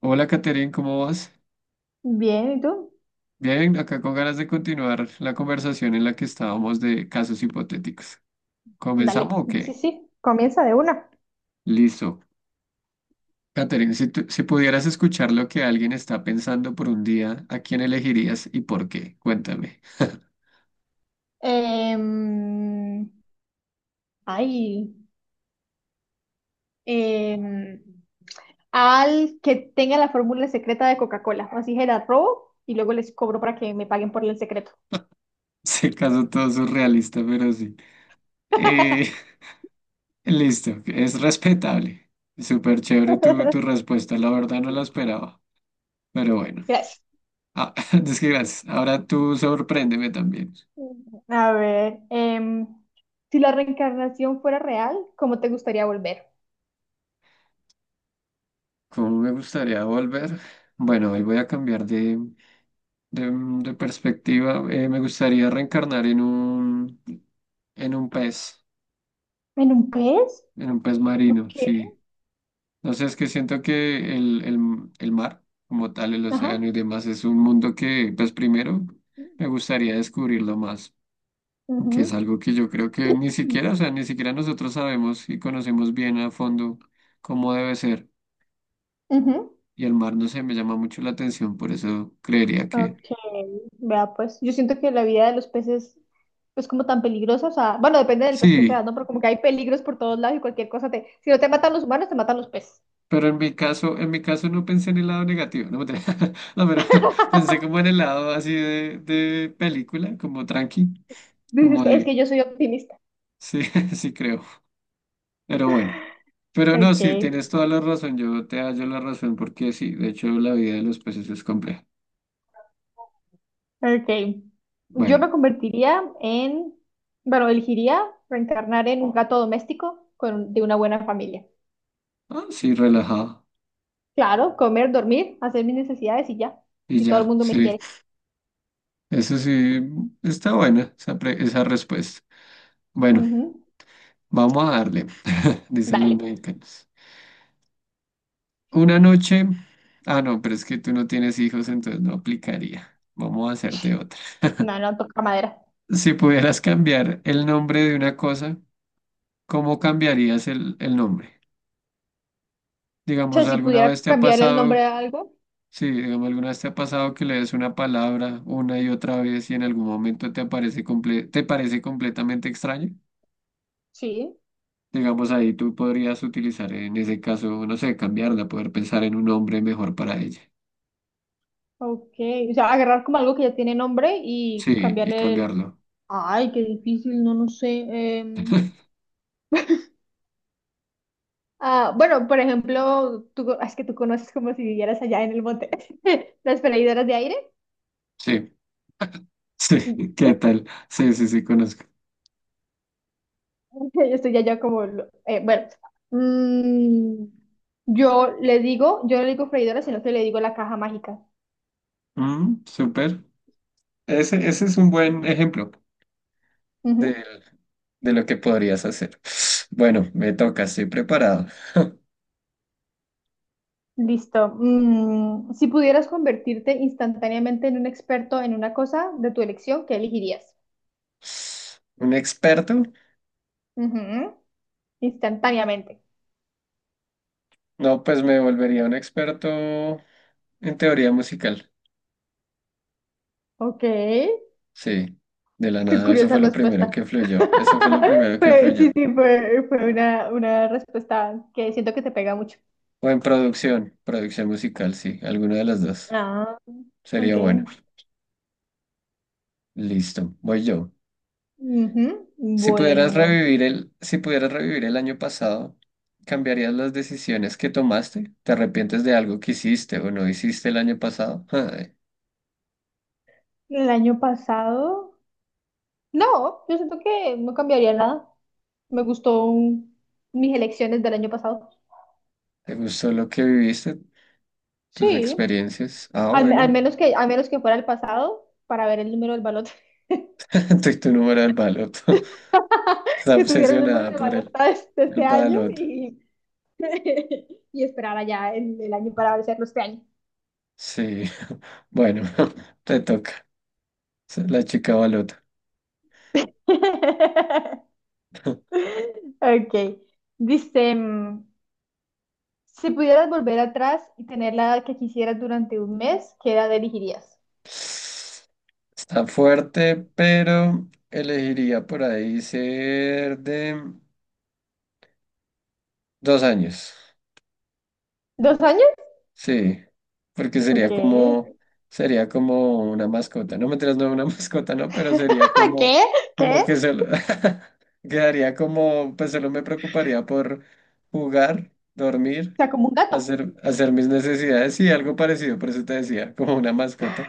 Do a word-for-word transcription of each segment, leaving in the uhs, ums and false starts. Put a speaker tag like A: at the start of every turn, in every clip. A: Hola, Caterine, ¿cómo vas?
B: Bien, ¿y tú?
A: Bien, acá con ganas de continuar la conversación en la que estábamos de casos hipotéticos. ¿Comenzamos
B: Dale,
A: o
B: sí,
A: qué?
B: sí. Comienza de una.
A: Listo. Caterine, si, tú- si pudieras escuchar lo que alguien está pensando por un día, ¿a quién elegirías y por qué? Cuéntame.
B: Em, ay, em, al que tenga la fórmula secreta de Coca-Cola. Así que la robo y luego les cobro para que me paguen por el secreto.
A: Se caso todo surrealista, pero sí. Eh, listo, es respetable. Súper chévere tu, tu respuesta, la verdad no la esperaba. Pero bueno,
B: Gracias.
A: ah, es que gracias. Ahora tú sorpréndeme también.
B: A ver, Em, si la reencarnación fuera real, ¿cómo te gustaría volver?
A: ¿Cómo me gustaría volver? Bueno, hoy voy a cambiar de, de- de perspectiva. Eh, me gustaría reencarnar en un, en un pez,
B: ¿En un pez?
A: en un pez marino,
B: ¿Qué?
A: sí. No sé, es que siento que el, el- el mar, como tal, el
B: Ajá.
A: océano y demás, es un mundo que, pues primero, me gustaría descubrirlo más, que es
B: Ujú.
A: algo que yo creo que ni siquiera, o sea, ni siquiera nosotros sabemos y conocemos bien a fondo cómo debe ser.
B: Ujú.
A: Y el mar, no sé, me llama mucho la atención, por eso creería que...
B: Ok, vea pues, yo siento que la vida de los peces es como tan peligrosa, o sea, bueno, depende del pez que sea,
A: Sí,
B: ¿no? Pero como que hay peligros por todos lados y cualquier cosa te, si no te matan los humanos, te matan los peces.
A: pero en mi caso, en mi caso no pensé en el lado negativo, no, mentira. No, pero pensé como en el lado así de, de película, como tranqui, como
B: Dices que es
A: de,
B: que yo soy optimista.
A: sí, sí creo, pero bueno. Pero no,
B: Ok,
A: sí, tienes toda la razón, yo te hallo la razón, porque sí, de hecho la vida de los peces es compleja.
B: ok. Yo
A: Bueno,
B: me convertiría en, bueno, elegiría reencarnar en un gato doméstico con, de una buena familia.
A: ah, sí, relajado,
B: Claro, comer, dormir, hacer mis necesidades y ya.
A: y
B: Y todo el
A: ya,
B: mundo me
A: sí,
B: quiere.
A: eso sí, está buena esa, pre- esa respuesta. Bueno,
B: Ujú.
A: vamos a darle, dicen los
B: Dale,
A: mexicanos. Una noche. Ah, no, pero es que tú no tienes hijos, entonces no aplicaría. Vamos a hacerte otra.
B: no, no toca madera.
A: Si pudieras cambiar el nombre de una cosa, ¿cómo cambiarías el, el nombre?
B: O sea,
A: Digamos,
B: si
A: ¿alguna
B: pudiera
A: vez te ha
B: cambiar el nombre
A: pasado,
B: a algo.
A: sí, digamos, alguna vez te ha pasado que le des una palabra una y otra vez y en algún momento te aparece comple- te parece completamente extraño?
B: Sí,
A: Digamos, ahí tú podrías utilizar en ese caso, no sé, cambiarla, poder pensar en un nombre mejor para ella.
B: ok. O sea, agarrar como algo que ya tiene nombre y
A: Sí, y
B: cambiarle el...
A: cambiarlo.
B: Ay, qué difícil, no, no sé. em, ah, bueno, por ejemplo, tú, co- es que tú conoces como si vivieras allá en el monte, las freidoras de aire.
A: Sí. Sí, ¿qué tal? Sí, sí, sí, conozco.
B: Yo estoy allá como... lo- eh, bueno, mm, yo le digo, yo no le digo freidora, sino que le digo la caja mágica.
A: Mm, súper. Ese, ese es un buen ejemplo de,
B: Ujú.
A: de lo que podrías hacer. Bueno, me toca, estoy preparado.
B: Listo. Mm, si pudieras convertirte instantáneamente en un experto en una cosa de tu elección, ¿qué elegirías?
A: ¿Un experto?
B: Ujú. Instantáneamente.
A: No, pues me volvería un experto en teoría musical.
B: Ok, qué
A: Sí, de la nada, eso
B: curiosa
A: fue lo primero
B: respuesta.
A: que fluyó. Eso fue lo primero que
B: Fue- sí,
A: fluyó.
B: sí, fue, fue una, una respuesta que siento que te pega mucho.
A: O en producción, producción musical, sí, alguna de las dos.
B: Ah, ok.
A: Sería bueno. Listo, voy yo.
B: Ujú.
A: Si pudieras
B: Bueno,
A: revivir el, si pudieras revivir el año pasado, ¿cambiarías las decisiones que tomaste? ¿Te arrepientes de algo que hiciste o no hiciste el año pasado? Ay,
B: el año pasado, no, yo siento que no cambiaría nada. Me gustó un- Mis elecciones del año pasado.
A: ¿te gustó lo que viviste? ¿Tus
B: Sí,
A: experiencias? Ah,
B: al, al
A: bueno.
B: menos que, al menos que fuera el pasado para ver el número del balón,
A: Tu, tu número del baloto. Está
B: que tuviera el número
A: obsesionada
B: de
A: por el,
B: balota de, de
A: el
B: este año
A: baloto.
B: y y esperar allá el, el año para hacerlo este año.
A: Sí. Bueno, te toca. La chica balota.
B: Ok. Dice, mm, si pudieras volver atrás y tener la edad que quisieras durante un mes, ¿qué edad elegirías?
A: Está fuerte, pero elegiría por ahí ser de... Dos años,
B: ¿Dos años?
A: sí, porque
B: Ok.
A: sería como, sería como una mascota, no me no una mascota, no, pero sería
B: ¿Qué?
A: como, como
B: ¿Qué?
A: que solo, quedaría como, pues solo me preocuparía por jugar,
B: O
A: dormir,
B: sea, como un gato.
A: hacer, hacer mis necesidades y algo parecido, por eso te decía, como una mascota.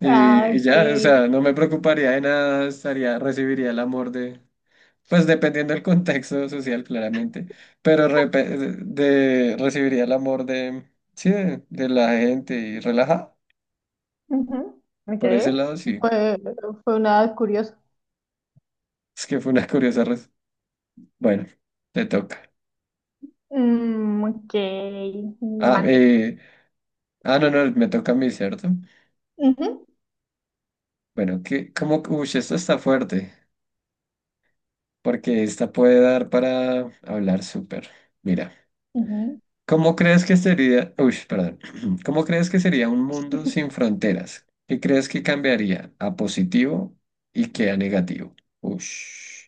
A: Y,
B: Ah,
A: y
B: ok.
A: ya, o sea, no me preocuparía de nada, estaría, recibiría el amor de pues dependiendo del contexto social, claramente, pero repe- de, de- recibiría el amor de, sí, de, de la gente y relajada.
B: Ujú. Ok.
A: Por ese lado, sí.
B: Fue, fue una edad curiosa.
A: Es que fue una curiosa res- Bueno, te toca.
B: Mm, ok.
A: Ah,
B: Mandé.
A: eh, ah, no, no, me toca a mí, ¿cierto?
B: Ujú,
A: Bueno, que como, uy, esto está fuerte, porque esta puede dar para hablar súper. Mira.
B: ujú.
A: ¿Cómo crees que sería, uy, perdón, ¿cómo crees que sería un mundo sin fronteras? ¿Qué crees que cambiaría a positivo y qué a negativo? Ush.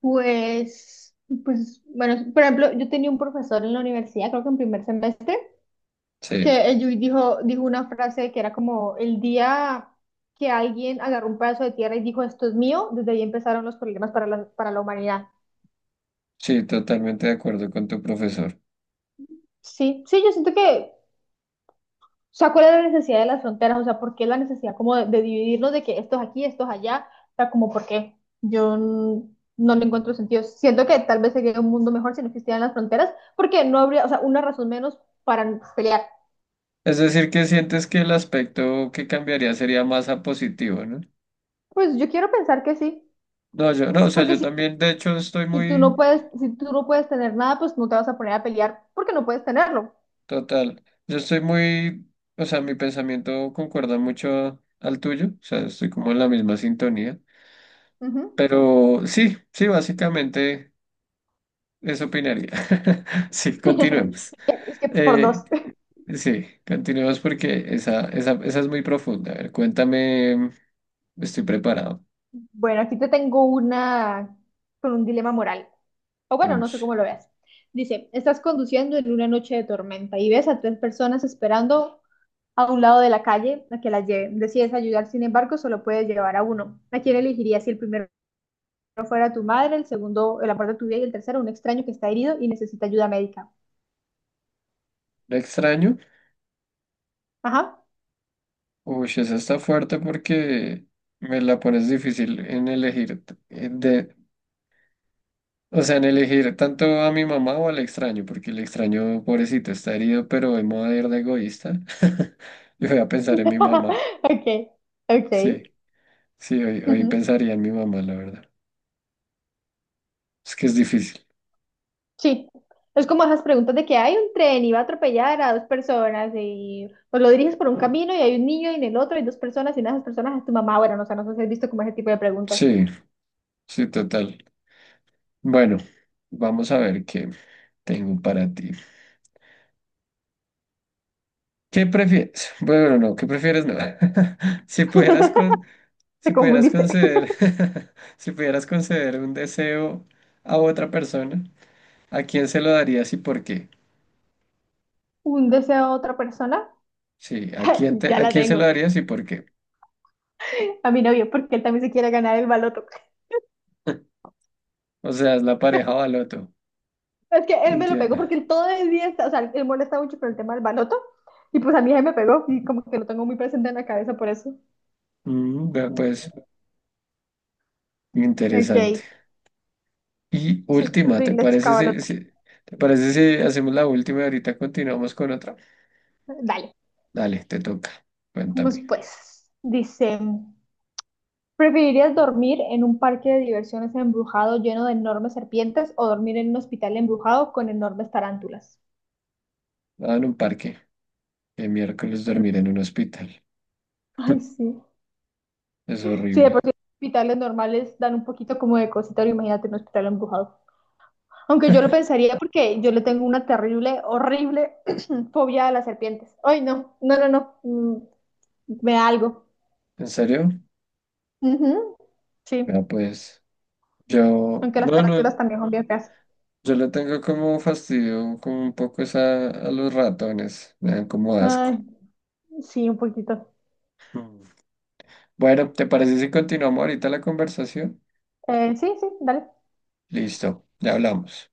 B: Pues, pues, bueno, por ejemplo, yo tenía un profesor en la universidad, creo que en primer semestre,
A: Sí,
B: que él dijo, dijo una frase que era como el día que alguien agarró un pedazo de tierra y dijo, esto es mío, desde ahí empezaron los problemas para la, para la humanidad.
A: sí, totalmente de acuerdo con tu profesor.
B: Sí, sí, yo siento que o sea, ¿cuál es la necesidad de las fronteras? O sea, ¿por qué la necesidad como de, de dividirnos de que estos aquí, estos allá? O sea, ¿como por qué? Yo n- no le encuentro sentido. Siento que tal vez sería un mundo mejor si no existieran las fronteras, porque no habría, o sea, una razón menos para pelear.
A: Es decir, que sientes que el aspecto que cambiaría sería más a positivo, ¿no?
B: Pues yo quiero pensar que sí,
A: No, yo, no, o sea,
B: porque
A: yo
B: si,
A: también, de hecho, estoy
B: si tú no
A: muy,
B: puedes, si tú no puedes tener nada, pues no te vas a poner a pelear porque no puedes tenerlo.
A: total, yo estoy muy, o sea, mi pensamiento concuerda mucho al tuyo, o sea, estoy como en la misma sintonía.
B: Ujú.
A: Pero sí, sí, básicamente eso opinaría. Sí, continuemos.
B: Es que, es que por dos.
A: Eh, sí, continuemos porque esa, esa, esa es muy profunda. A ver, cuéntame, estoy preparado.
B: Bueno, aquí te tengo una con un dilema moral. O bueno,
A: Uy,
B: no sé cómo lo veas. Dice, estás conduciendo en una noche de tormenta y ves a tres personas esperando a un lado de la calle a que las lleven. Decides ayudar, sin embargo, solo puedes llevar a uno. ¿A quién elegirías si el primero fuera tu madre, el segundo el amor de tu vida y el tercero un extraño que está herido y necesita ayuda médica?
A: ¿la extraño?
B: Ajá.
A: Uy, esa está fuerte porque me la pones difícil en elegir, t- eh, de, o sea, en elegir tanto a mi mamá o al extraño, porque el extraño, pobrecito, está herido, pero hoy me voy a ir de egoísta. Yo voy a pensar en mi mamá.
B: Ok,
A: Sí,
B: ok.
A: sí, hoy, hoy
B: Ujú.
A: pensaría en mi mamá, la verdad. Es que es difícil.
B: Sí, es como esas preguntas de que hay un tren y va a atropellar a dos personas y pues lo diriges por un camino y hay un niño y en el otro hay dos personas y una de esas personas es tu mamá. Bueno, no sé, no sé si has visto como ese tipo de preguntas.
A: Sí. Sí, total. Bueno, vamos a ver qué tengo para ti. ¿Qué prefieres? Bueno, no, ¿qué prefieres? No. Si pudieras con, si
B: Te
A: pudieras
B: confundiste.
A: conceder, si pudieras conceder un deseo a otra persona, ¿a quién se lo darías y por qué?
B: Un deseo de otra persona,
A: Sí, ¿a quién te,
B: ya
A: ¿a
B: la
A: quién se lo
B: tengo.
A: darías y por qué?
B: A mi novio, porque él también se quiere ganar el baloto.
A: O sea, es la pareja o al otro.
B: Es que él me lo
A: Entiendo.
B: pegó porque él todo el día está, o sea, él molesta mucho con el tema del baloto y pues a mí él me pegó y como que lo tengo muy presente en la cabeza por eso.
A: Mm, vea, pues, interesante.
B: Ok,
A: Y
B: sí, yo
A: última, ¿te
B: soy la chica
A: parece si,
B: baloto.
A: si- ¿te parece si hacemos la última y ahorita continuamos con otra?
B: Dale,
A: Dale, te toca.
B: vamos
A: Cuéntame.
B: pues. Dice. ¿Preferirías dormir en un parque de diversiones embrujado lleno de enormes serpientes o dormir en un hospital embrujado con enormes tarántulas?
A: Nada en un parque. El miércoles dormir en un hospital.
B: Ay, sí.
A: Es
B: Sí, de por
A: horrible.
B: sí los hospitales normales dan un poquito como de cosita, ahora imagínate un hospital embrujado. Aunque yo lo pensaría porque yo le tengo una terrible, horrible fobia a las serpientes. Ay, no, no, no, no. mm, Me da algo.
A: ¿En serio?
B: Ujú, sí,
A: No, pues yo,
B: aunque las
A: bueno,
B: tarántulas también son bien feas.
A: yo le tengo como fastidio, como un poco esa a los ratones. Me dan como asco.
B: Ay, sí, un poquito.
A: Mm. Bueno, ¿te parece si continuamos ahorita la conversación?
B: Eh, sí, sí, dale.
A: Listo, ya hablamos.